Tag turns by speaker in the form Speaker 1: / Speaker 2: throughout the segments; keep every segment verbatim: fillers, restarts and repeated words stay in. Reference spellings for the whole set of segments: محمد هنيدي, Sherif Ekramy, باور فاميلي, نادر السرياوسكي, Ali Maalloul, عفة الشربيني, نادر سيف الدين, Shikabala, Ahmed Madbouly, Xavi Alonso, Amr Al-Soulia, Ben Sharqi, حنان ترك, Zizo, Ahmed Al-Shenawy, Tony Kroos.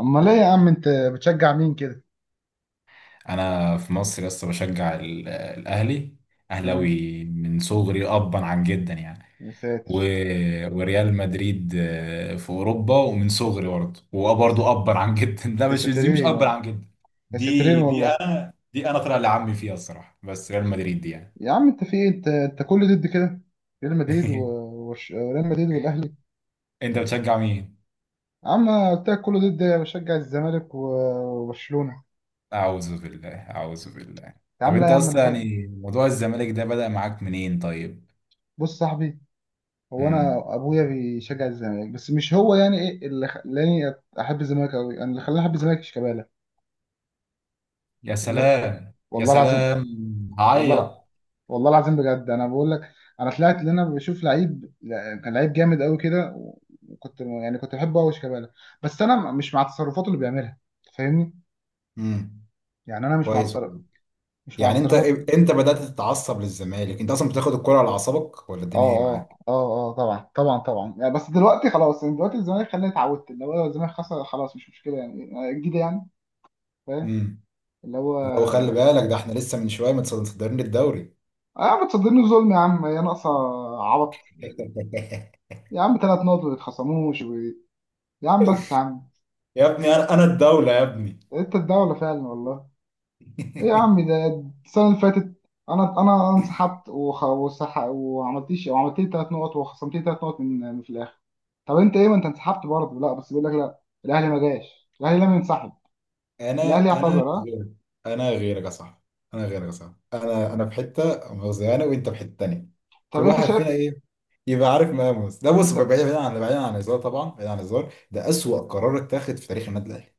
Speaker 1: امال ايه يا عم انت، بتشجع مين كده؟
Speaker 2: انا في مصر لسه بشجع ال- الاهلي.
Speaker 1: مم.
Speaker 2: اهلاوي من صغري ابا عن جدا يعني.
Speaker 1: يا
Speaker 2: و...
Speaker 1: ساتر،
Speaker 2: وريال مدريد آه، في اوروبا، ومن صغري برضه
Speaker 1: يا
Speaker 2: وبرضه
Speaker 1: ساتر.
Speaker 2: ابا عن جدا. ده
Speaker 1: يا
Speaker 2: مش دي مش
Speaker 1: ساترين،
Speaker 2: ابا عن جدا.
Speaker 1: يا ساترين
Speaker 2: دي دي
Speaker 1: والله.
Speaker 2: انا دي انا طلع لعمي فيها الصراحه، بس ريال مدريد دي يعني.
Speaker 1: يا عم انت في ايه؟ انت انت كله ضد كده. ريال مدريد و- وبرش- وريال مدريد والاهلي.
Speaker 2: انت بتشجع مين؟
Speaker 1: يا عم أنا قلت لك، كله ضد. بشجع الزمالك و- وبرشلونه.
Speaker 2: اعوذ بالله، اعوذ بالله.
Speaker 1: يا
Speaker 2: طب
Speaker 1: عم لا،
Speaker 2: انت
Speaker 1: يا عم
Speaker 2: اصلا
Speaker 1: الحق.
Speaker 2: يعني موضوع الزمالك ده بدأ معاك منين طيب؟
Speaker 1: بص صاحبي، هو انا
Speaker 2: امم.
Speaker 1: ابويا بيشجع الزمالك بس مش هو. يعني ايه اللي خلاني احب الزمالك قوي؟ انا، اللي خلاني احب الزمالك شيكابالا.
Speaker 2: يا
Speaker 1: اللي هو،
Speaker 2: سلام، يا
Speaker 1: والله العظيم.
Speaker 2: سلام.
Speaker 1: والله لا،
Speaker 2: هعيط.
Speaker 1: والله العظيم بجد انا بقول لك. انا طلعت ان انا بشوف لعيب، كان لعيب جامد قوي كده. وكنت يعني كنت بحبه قوي شيكابالا. بس انا مش مع تصرفاته اللي بيعملها، فاهمني؟
Speaker 2: امم.
Speaker 1: يعني انا مش مع
Speaker 2: كويس
Speaker 1: تصرف
Speaker 2: والله.
Speaker 1: مش مع
Speaker 2: يعني انت
Speaker 1: تصرفات.
Speaker 2: انت بدأت تتعصب للزمالك؟ انت اصلا بتاخد الكرة على اعصابك ولا
Speaker 1: اه،
Speaker 2: الدنيا ايه معاك؟
Speaker 1: اه، اه، اه، طبعا، طبعا، طبعا يعني. بس دلوقتي خلاص، يعني دلوقتي الزمالك خلاني اتعودت. اللي هو الزمالك خسر خلاص، مش مشكله يعني جديده يعني. فاهم.
Speaker 2: امم.
Speaker 1: اللي هو.
Speaker 2: لو خلي بالك ده احنا لسه من شوية متصدرين الدوري.
Speaker 1: اه، بتصدمني ظلم يا عم يا ناقصه. عبط. يا عم ثلاث نقط ما يتخصموش. و... يا عم، بس يا عم.
Speaker 2: يا ابني، انا انا الدولة يا ابني.
Speaker 1: انت الدوله فعلا والله. ايه يا عم؟ ده السنة اللي فاتت انا انا انسحبت، وخ... وسح... وعملتيش وعملت لي ثلاث نقط وخصمت لي ثلاث نقط من من في الاخر. طب انت ايه؟ ما انت انسحبت برضه، لا؟ بس بيقول لك لا. الاهلي ما جاش، الاهلي لم ينسحب. الاهلي
Speaker 2: انا انا
Speaker 1: اعتذر، ها.
Speaker 2: غيرك. انا غيرك يا صاحبي، انا غيرك يا صاحبي. انا انا في حتة مؤاخذة، انا وانت في حتة تانية.
Speaker 1: طب
Speaker 2: كل
Speaker 1: انت
Speaker 2: واحد
Speaker 1: شايف؟
Speaker 2: فينا ايه؟ يبقى عارف مقامه. ده بص،
Speaker 1: انت
Speaker 2: بعيد بعيد عن بعيد عن الهزار، طبعا بعيد عن الهزار، ده أسوأ قرار اتاخد في تاريخ النادي الاهلي.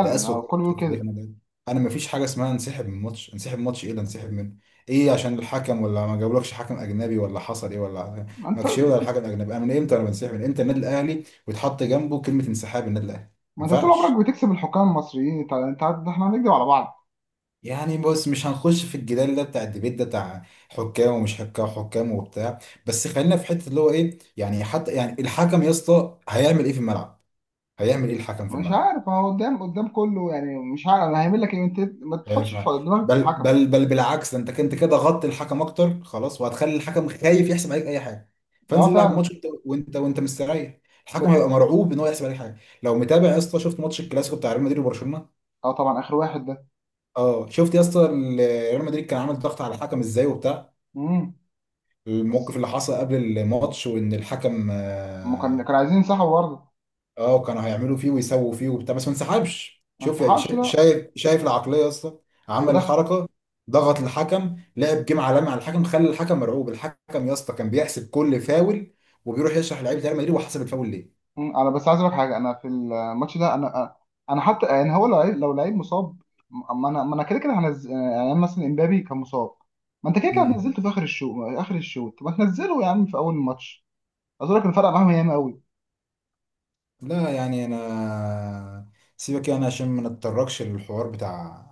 Speaker 2: ده اسوأ
Speaker 1: هو
Speaker 2: قرار
Speaker 1: الكل
Speaker 2: في
Speaker 1: بيقول
Speaker 2: تاريخ
Speaker 1: كده.
Speaker 2: النادي. انا ما فيش حاجه اسمها انسحب من ماتش. انسحب من ماتش؟ ايه اللي انسحب منه؟ ايه، عشان الحكم؟ ولا ما جابولكش حكم اجنبي؟ ولا حصل ايه؟ ولا
Speaker 1: ما انت
Speaker 2: ماكشيه؟ ولا الحكم الاجنبي؟ انا من امتى انا بنسحب؟ من امتى النادي الاهلي ويتحط جنبه كلمه انسحاب؟ النادي الاهلي ما
Speaker 1: ما انت طول
Speaker 2: ينفعش.
Speaker 1: عمرك بتكسب الحكام المصريين. انت انت عارف- احنا هنكدب على بعض؟
Speaker 2: يعني بص، مش هنخش في الجدال ده، بتاع الديبيت ده، بتاع حكام ومش حكام، حكام وبتاع. بس خلينا في حته، اللي هو ايه يعني، حتى يعني الحكم يا اسطى هيعمل ايه في الملعب؟ هيعمل ايه الحكم في
Speaker 1: مش
Speaker 2: الملعب؟
Speaker 1: عارف، هو قدام. قدام كله يعني، مش عارف انا هيعمل لك ايه. انت ما
Speaker 2: خايف
Speaker 1: تحطش
Speaker 2: معاك؟
Speaker 1: دماغك في
Speaker 2: بل
Speaker 1: الحكم.
Speaker 2: بل بل بالعكس، ده انت كنت كده غطي الحكم اكتر خلاص، وهتخلي الحكم خايف يحسب عليك اي حاجه. فانزل
Speaker 1: اه
Speaker 2: العب
Speaker 1: فعلا.
Speaker 2: ماتش، وانت وانت, وانت مستريح.
Speaker 1: ب...
Speaker 2: الحكم هيبقى مرعوب ان هو يحسب عليك حاجه. لو متابع يا اسطى، شفت ماتش الكلاسيكو بتاع ريال مدريد وبرشلونه؟
Speaker 1: اه طبعا، اخر واحد ده.
Speaker 2: اه، شفت يا اسطى ال- ريال مدريد كان عامل ضغط على الحكم ازاي وبتاع؟
Speaker 1: امم.
Speaker 2: الموقف
Speaker 1: بس
Speaker 2: اللي حصل قبل الماتش، وان الحكم
Speaker 1: ما كان
Speaker 2: آه،
Speaker 1: كان عايزين ينسحبوا برضه.
Speaker 2: اه، كانوا هيعملوا فيه ويسووا فيه وبتاع، بس ما انسحبش.
Speaker 1: ما
Speaker 2: شوف يا-
Speaker 1: انسحبش،
Speaker 2: شا-
Speaker 1: لا.
Speaker 2: شايف شايف العقليه يا اسطى؟ عمل
Speaker 1: ودخل.
Speaker 2: الحركه، ضغط الحكم، لعب جيم عالمي على الحكم، خلى الحكم مرعوب. الحكم يا اسطى كان بيحسب كل فاول، وبيروح يشرح لعيبه ريال مدريد وحسب الفاول ليه.
Speaker 1: مم، انا بس عايز اقول لك حاجه، انا في الماتش ده انا انا حتى يعني هو لو لعيب، لو لعيب مصاب. ما انا ما انا كده كده هنزل، يعني مثلا امبابي كان مصاب. ما انت كده كده
Speaker 2: امم.
Speaker 1: نزلته في اخر الشوط. اخر الشوط ما تنزله يا عم في اول الماتش. عايز اقول لك الفرق معاهم ياما قوي.
Speaker 2: لا، يعني انا، سيبك يعني عشان ما نتطرقش للحوار بتاع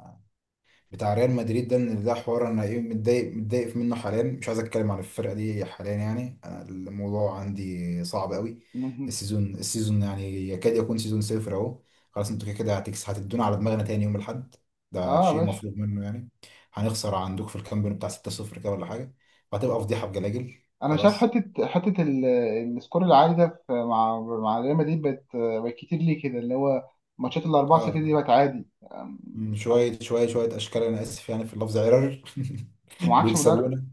Speaker 2: بتاع ريال مدريد ده، ان ده حوار انا ايه، متضايق متضايق منه حاليا، مش عايز اتكلم عن الفرقه دي حاليا. يعني انا الموضوع عندي صعب قوي.
Speaker 1: مهم.
Speaker 2: السيزون السيزون يعني يكاد يكون سيزون صفر اهو. خلاص انتوا كده كده هتكس هتدونا على دماغنا تاني يوم الاحد. ده
Speaker 1: اه يا
Speaker 2: شيء
Speaker 1: باشا.
Speaker 2: مفروغ منه يعني. هنخسر عندك في الكامب نو بتاع ستة صفر كده ولا حاجه، وهتبقى فضيحه بجلاجل.
Speaker 1: انا شايف
Speaker 2: خلاص.
Speaker 1: حته، حته ال- السكور العالي ده في مع مع ريال مدريد. بقت بقت كتير ليه كده؟ اللي هو ماتشات الاربعه
Speaker 2: اه.
Speaker 1: صفر دي بقت عادي. آم،
Speaker 2: مم، شويه شويه شويه اشكال، انا اسف يعني في اللفظ عرر
Speaker 1: ومعكش مدرب،
Speaker 2: بيكسبونا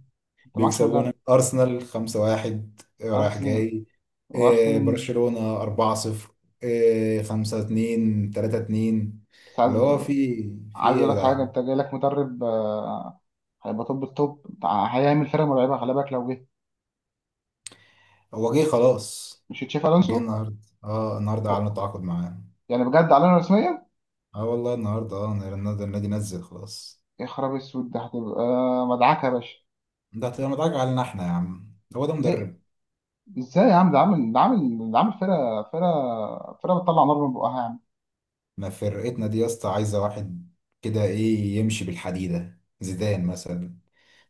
Speaker 1: انت معكش مدرب.
Speaker 2: بيكسبونا أرسنال خمسة واحد رايح
Speaker 1: أرسن
Speaker 2: جاي. آه،
Speaker 1: وأرسن
Speaker 2: برشلونة اربعة صفر. آه، خمسة اتنين، تلاتة اتنين.
Speaker 1: بس عايز
Speaker 2: اللي هو في في
Speaker 1: عايز
Speaker 2: إيه يا
Speaker 1: أقول لك حاجة.
Speaker 2: جدعان؟
Speaker 1: أنت جاي لك مدرب، آه، هيبقى توب التوب، هيعمل فرقة مرعبة، خلي بالك لو جه.
Speaker 2: هو جه خلاص.
Speaker 1: مش تشافي
Speaker 2: جه
Speaker 1: ألونسو؟
Speaker 2: النهارده. اه، النهارده
Speaker 1: هوب،
Speaker 2: اعلنوا التعاقد معاه.
Speaker 1: يعني بجد؟ علينا رسميا.
Speaker 2: اه والله النهارده، اه، النادي النادي نزل خلاص.
Speaker 1: يا خراب أسود! ده هتبقى مدعكة يا باشا.
Speaker 2: ده هتبقى متعاقد علينا احنا يا عم؟ هو ده
Speaker 1: ليه؟
Speaker 2: مدرب؟
Speaker 1: إزاي يا عم؟ ده عامل ده عامل ده عامل فرقة فرقة فرقة بتطلع نار من بقها يا عم.
Speaker 2: ما فرقتنا دي يا اسطى عايزة واحد كده، ايه، يمشي بالحديدة، زيدان مثلا.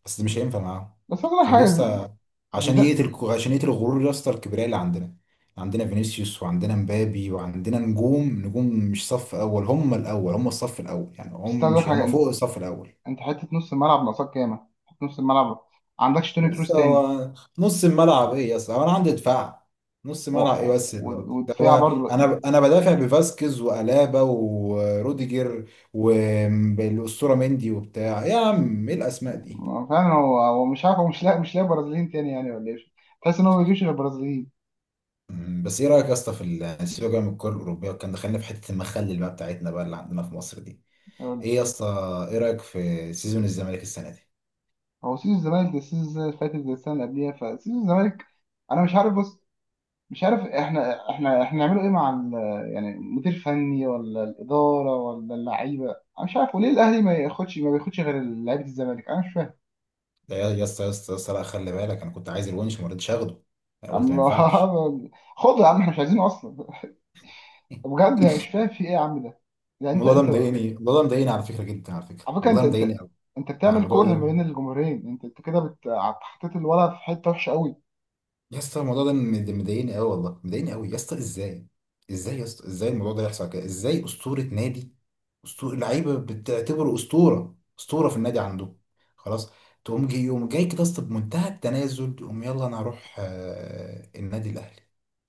Speaker 2: بس ده مش هينفع معاهم.
Speaker 1: بس عايز أقول لك
Speaker 2: عشان يا
Speaker 1: حاجة زي
Speaker 2: اسطى،
Speaker 1: زي
Speaker 2: عشان
Speaker 1: ده.
Speaker 2: يقتل عشان يقتل الغرور يا اسطى، الكبرياء اللي عندنا. عندنا فينيسيوس وعندنا مبابي وعندنا نجوم، نجوم مش صف اول، هم الاول، هم الصف الاول، يعني
Speaker 1: بس
Speaker 2: هم،
Speaker 1: عايز أقول
Speaker 2: مش
Speaker 1: لك حاجة،
Speaker 2: هم،
Speaker 1: أنت
Speaker 2: فوق الصف الاول.
Speaker 1: أنت حتة نص الملعب ناقصاك ياما، حتة نص الملعب. عندكش توني كروس
Speaker 2: لسه
Speaker 1: تاني؟
Speaker 2: هو. نص الملعب ايه يا اسطى؟ هو انا عندي دفاع، نص ملعب ايه
Speaker 1: و-
Speaker 2: بس اللي-
Speaker 1: و-
Speaker 2: ده؟
Speaker 1: ودفاع
Speaker 2: هو
Speaker 1: برضه.
Speaker 2: انا انا بدافع بفاسكيز والابا والروديجر والاسطوره مندي وبتاع، يا عم ايه الاسماء دي.
Speaker 1: ما فعلا، هو هو مش عارف، هو مش لاقي مش لاقي برازيليين تاني يعني ولا ايه؟ تحس ان هو ما بيجيبش غير برازيليين.
Speaker 2: مم، بس ايه رايك يا اسطى في ال- سيبك بقى من الكره الاوروبيه، كان دخلنا في حته المخلل بقى بتاعتنا، بقى اللي عندنا في مصر دي.
Speaker 1: هو
Speaker 2: ايه يا اسطى؟ ايه رايك في سيزون الزمالك السنه دي؟
Speaker 1: هو سيزون الزمالك ده السيزون اللي فاتت زي السنه اللي قبليها، فسيزون الزمالك. انا مش عارف، بص، مش عارف احنا احنا احنا نعمله ايه مع ال- يعني مدير فني، ولا الاداره، ولا اللعيبه؟ انا مش عارف، وليه الاهلي ما ياخدش ما بياخدش غير لعيبه الزمالك؟ انا مش فاهم.
Speaker 2: ده يا يا اسطى، يا اسطى، يا اسطى، لا، خلي بالك، انا كنت عايز الونش وما رضيتش اخده. انا
Speaker 1: يا
Speaker 2: قلت
Speaker 1: عم
Speaker 2: ما ينفعش.
Speaker 1: خد يا عم، احنا مش عايزينه اصلا. بجد أنا مش فاهم في ايه يا عم ده، يعني انت
Speaker 2: الموضوع ده
Speaker 1: انت
Speaker 2: مضايقني، الموضوع ده مضايقني على فكره جدا، على فكره
Speaker 1: على فكره، انت
Speaker 2: والله
Speaker 1: انت
Speaker 2: مضايقني قوي.
Speaker 1: انت
Speaker 2: يعني
Speaker 1: بتعمل
Speaker 2: الموضوع
Speaker 1: كره ما
Speaker 2: ده،
Speaker 1: بين الجمهورين، انت انت كده بت- حطيت الولد في حته وحشه قوي.
Speaker 2: يا اسطى الموضوع ده مد- مضايقني قوي، والله مضايقني قوي يا اسطى. ازاي، ازاي يا اسطى، ازاي الموضوع ده يحصل كده؟ ازاي اسطوره نادي، اسطوره لعيبه بتعتبره اسطوره، اسطوره في النادي عندهم، خلاص، تقوم جاي يوم جاي كده يا اسطى بمنتهى التنازل تقوم يلا انا هروح آه، النادي الاهلي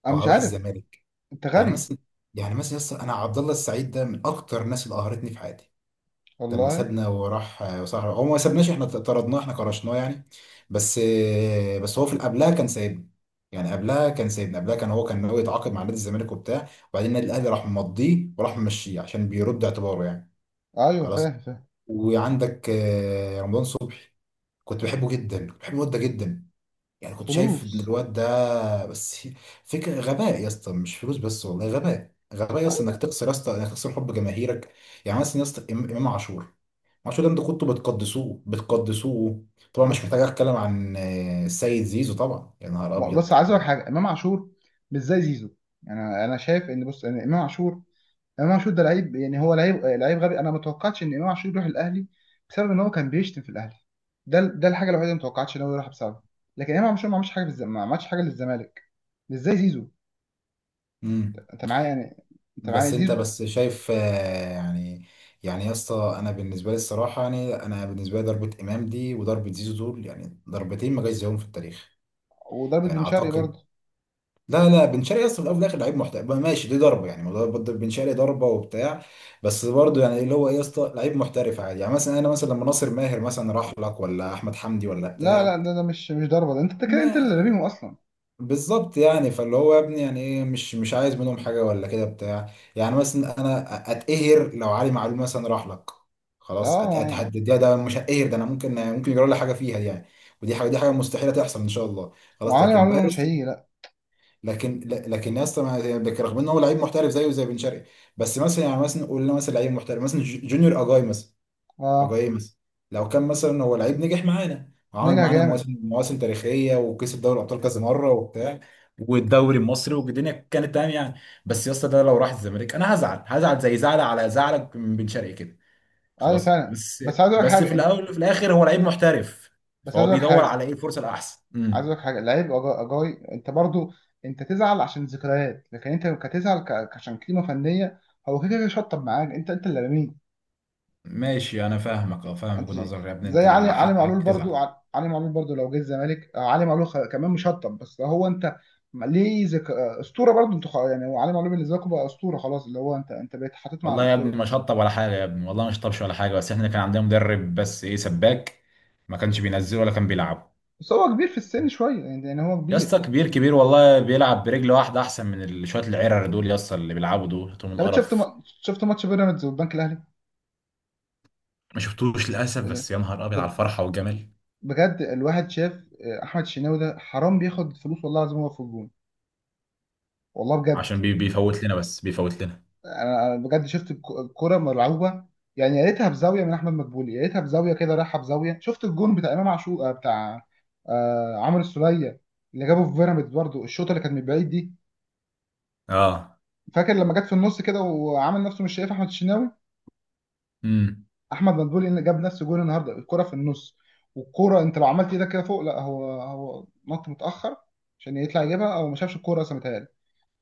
Speaker 1: انا
Speaker 2: او
Speaker 1: مش
Speaker 2: هروح
Speaker 1: عارف.
Speaker 2: الزمالك؟
Speaker 1: انت
Speaker 2: يعني
Speaker 1: غبي
Speaker 2: مثلا يعني مثلا يا اسطى انا عبد الله السعيد ده من اكتر الناس اللي قهرتني في حياتي. لما
Speaker 1: والله.
Speaker 2: سابنا وراح صحراء، هو ما سابناش، احنا طردناه، احنا كرشناه يعني. بس بس هو في قبلها كان سايبنا. يعني قبلها كان سايبنا، قبلها كان هو كان ناوي يتعاقد مع نادي الزمالك وبتاع، وبعدين النادي الاهلي راح مضيه وراح ممشيه عشان بيرد اعتباره يعني.
Speaker 1: ايوه،
Speaker 2: خلاص.
Speaker 1: فاهم فاهم.
Speaker 2: وعندك آه، رمضان صبحي، كنت بحبه جدا، كنت بحب الواد ده جدا. يعني كنت شايف ان
Speaker 1: فلوس.
Speaker 2: الواد ده، بس فكره، غباء يا اسطى، مش فلوس بس والله، غباء، غباء يا اسطى انك
Speaker 1: ايوه.
Speaker 2: تخسر، يا اسطى انك تخسر حب جماهيرك. يعني مثلا يا اسطى إم- امام عاشور، عاشور ده انتوا كنتوا بتقدسوه بتقدسوه. طبعا مش
Speaker 1: بس
Speaker 2: محتاج اتكلم عن آه، السيد زيزو طبعا، يا نهار
Speaker 1: بس
Speaker 2: ابيض.
Speaker 1: عايز اقول حاجه، امام عاشور مش زي زيزو. انا انا شايف ان، بص، ان امام عاشور، امام عاشور ده لعيب، يعني هو لعيب، لعيب غبي. انا ما توقعتش ان امام عاشور يروح الاهلي بسبب ان هو كان بيشتم في الاهلي. ده ده الحاجه الوحيده اللي ما توقعتش ان هو يروح بسببها. لكن امام عاشور ما عملش حاجه بالز... ما عملش حاجه للزمالك، مش زي زيزو.
Speaker 2: امم.
Speaker 1: انت معايا يعني؟ انت معايا
Speaker 2: بس انت
Speaker 1: زيزو.
Speaker 2: بس شايف آه، يعني يعني يا اسطى، انا بالنسبه لي الصراحه يعني، انا بالنسبه لي ضربه امام دي وضربه زيزو دول يعني ضربتين ما جاش زيهم في التاريخ.
Speaker 1: وضربت
Speaker 2: يعني
Speaker 1: بن شرقي
Speaker 2: اعتقد،
Speaker 1: برضه.
Speaker 2: لا لا، بن شرقي اصلا في الاول وفي الاخر لعيب محترف بقى، ماشي، دي ضربه يعني، موضوع برضه بن شرقي، ضربه وبتاع، بس برضه يعني اللي هو ايه يا اسطى، لعيب محترف عادي. يعني مثلا انا، مثلا لما ناصر ماهر مثلا راح لك، ولا احمد حمدي، ولا
Speaker 1: لا،
Speaker 2: بتاع.
Speaker 1: لا، ده، ده مش مش ضربه. ده انت كده، انت اللي
Speaker 2: ما
Speaker 1: رميهم اصلا.
Speaker 2: بالظبط، يعني فاللي هو يا ابني يعني، ايه، مش مش عايز منهم حاجه ولا كده بتاع. يعني مثلا انا اتقهر لو علي معلول مثلا راح لك، خلاص أت-
Speaker 1: اه.
Speaker 2: اتهدد. ده مش هتقهر، ده انا ممكن ممكن يجرى لي حاجه فيها دي يعني. ودي حاجه دي حاجه مستحيله تحصل ان شاء الله. خلاص
Speaker 1: وعلي
Speaker 2: لكن بقى
Speaker 1: معلول
Speaker 2: يا
Speaker 1: مش
Speaker 2: اسطى،
Speaker 1: هيجي، لا.
Speaker 2: لكن ل- لكن يا اسطى ما- لكن رغم ان هو لعيب محترف زيه زي بن شرقي، بس مثلا، يعني مثلا قلنا، مثلا لعيب محترف مثلا ج- جونيور اجاي مثلا.
Speaker 1: اه،
Speaker 2: اجاي مثلا، لو كان مثلا هو لعيب نجح معانا وعمل
Speaker 1: نجح
Speaker 2: معانا
Speaker 1: جامد.
Speaker 2: مواسم، مواسم تاريخيه وكسب دوري الابطال كذا مره وبتاع، والدوري المصري، والدنيا كانت تمام يعني، بس يا اسطى ده لو راح الزمالك انا هزعل، هزعل زي زعل، على زعلك من بن شرقي كده،
Speaker 1: ايوه
Speaker 2: خلاص.
Speaker 1: فعلا،
Speaker 2: بس
Speaker 1: بس عايز اقول لك
Speaker 2: بس في
Speaker 1: حاجه انت.
Speaker 2: الاول وفي الاخر هو لعيب محترف،
Speaker 1: بس
Speaker 2: فهو
Speaker 1: عايز اقول لك
Speaker 2: بيدور
Speaker 1: حاجه.
Speaker 2: على ايه، الفرصه الاحسن.
Speaker 1: عايز اقول
Speaker 2: امم.
Speaker 1: لك حاجه. لعيب أجا- اجاي انت برضو. انت تزعل عشان ذكريات، لكن انت كتزعل ك- عشان قيمه فنيه. هو كده كده شطب معاك، انت انت اللي رميه.
Speaker 2: ماشي انا فاهمك اه فاهمك
Speaker 1: انت
Speaker 2: وجهة
Speaker 1: شايف.
Speaker 2: نظرك يا ابني.
Speaker 1: زي علي
Speaker 2: انت
Speaker 1: علي معلول
Speaker 2: حقك
Speaker 1: برضو،
Speaker 2: تزعل.
Speaker 1: ع- علي معلول برضو لو جه الزمالك، آه، علي معلول خ- كمان مش هطب. بس هو انت. م- ليه ذك... آه، اسطوره برضو انت. خ- يعني هو علي معلول بالنسبه لكم بقى اسطوره خلاص، اللي هو انت انت بقيت حاطط مع
Speaker 2: والله يا
Speaker 1: الاسطوره.
Speaker 2: ابني ما شطب ولا حاجه يا ابني، والله ما شطبش ولا حاجه، بس احنا كان عندنا مدرب بس، ايه، سباك، ما كانش بينزله ولا كان بيلعبه.
Speaker 1: بس هو كبير في السن شويه، يعني يعني هو
Speaker 2: يا اسطى
Speaker 1: كبير.
Speaker 2: كبير، كبير والله، بيلعب برجل واحده احسن من ال- شويه العرر دول يا اسطى، اللي بيلعبوا دول توم
Speaker 1: طب انت شفت
Speaker 2: القرف.
Speaker 1: ما... شفت ماتش بيراميدز والبنك الاهلي؟
Speaker 2: ما شفتوش للاسف،
Speaker 1: ال-
Speaker 2: بس يا نهار ابيض على
Speaker 1: ب-
Speaker 2: الفرحه والجمال.
Speaker 1: بجد الواحد شاف. آه، احمد الشناوي ده حرام بياخد فلوس والله العظيم، هو في الجون، والله بجد.
Speaker 2: عشان بي بيفوت لنا، بس بيفوت لنا.
Speaker 1: انا أنا بجد شفت الك- الكرة مرعوبة. يعني يا ريتها بزاوية من احمد مدبولي، يا ريتها بزاوية كده رايحة بزاوية. شفت الجون بتاع امام عاشور آه، بتاع آه، عمرو السولية اللي جابه في بيراميدز برضه، الشوطة اللي كانت من بعيد دي.
Speaker 2: اه.
Speaker 1: فاكر لما جت في النص كده وعمل نفسه مش شايف احمد الشناوي؟
Speaker 2: امم.
Speaker 1: احمد مدبولي اللي جاب نفس الجون النهارده، الكرة في النص. والكرة انت لو عملت ايدك كده فوق، لا، هو هو نط متأخر عشان يطلع يجيبها، او ما شافش الكرة اصلا متهيألي.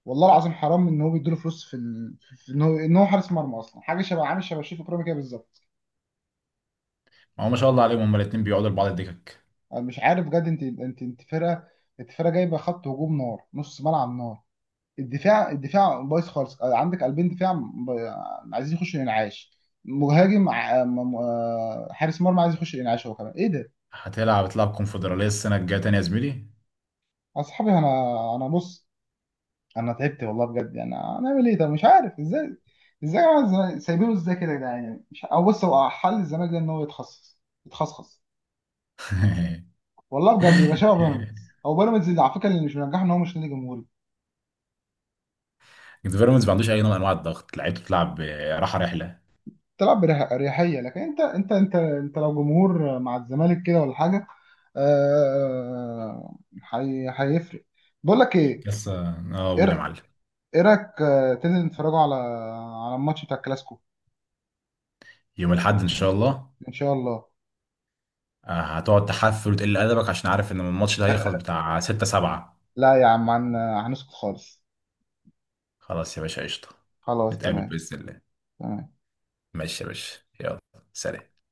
Speaker 1: والله العظيم حرام ان هو بيديله فلوس في ال... في ان هو ان هو حارس مرمى اصلا. حاجه شبه، عامل شبه شريف اكرامي كده بالظبط.
Speaker 2: هو ما شاء الله عليهم هما الاتنين بيقعدوا لبعض الدكك.
Speaker 1: أنا مش عارف بجد، انت انت انت فرقه، انت فرقه جايبه خط هجوم نار، نص ملعب نار. الدفاع الدفاع بايظ خالص. عندك قلبين دفاع ب... عايزين يخشوا الانعاش. مهاجم ع- م- م- آه، حارس مرمى عايز يخش الانعاش، هو كمان ايه ده؟
Speaker 2: هتلعب تلعب كونفدراليه السنه الجايه تاني يا زميلي.
Speaker 1: اصحابي انا، انا بص، انا تعبت والله بجد. يعني هنعمل ايه ده؟ مش عارف ازاي، ازاي يا جماعة؟ الزمالك- سايبينه ازاي كده يا جدعان؟ يعني مش. او بص، هو حل الزمالك ده ان هو يتخصص يتخصص. والله بجد يبقى شبه بيراميدز، او بيراميدز اللي على فكره اللي مش منجحه ان هو مش نادي جمهوري.
Speaker 2: بيراميدز ما عندوش اي نوع من انواع الضغط، لعيبته بتلعب راحه، رحله.
Speaker 1: تلعب بأريحية. لكن انت انت انت انت لو جمهور مع الزمالك كده ولا حاجة. آه، هي- هيفرق. بقول لك ايه؟
Speaker 2: بس اه.
Speaker 1: ايه
Speaker 2: قول يا
Speaker 1: رأ-
Speaker 2: معلم.
Speaker 1: إيه رايك آه، تنزل نتفرجوا على على الماتش بتاع الكلاسيكو؟
Speaker 2: يوم الاحد ان شاء الله.
Speaker 1: ان شاء الله.
Speaker 2: آه، هتقعد تحفل وتقل ادبك عشان عارف ان الماتش ده هيخلص بتاع ستة سبعة.
Speaker 1: لا يا عم، هن- هنسكت خالص.
Speaker 2: خلاص يا باشا قشطه.
Speaker 1: خلاص
Speaker 2: نتقابل
Speaker 1: تمام،
Speaker 2: باذن الله.
Speaker 1: تمام.
Speaker 2: ماشي يا باشا، يلا. سلام.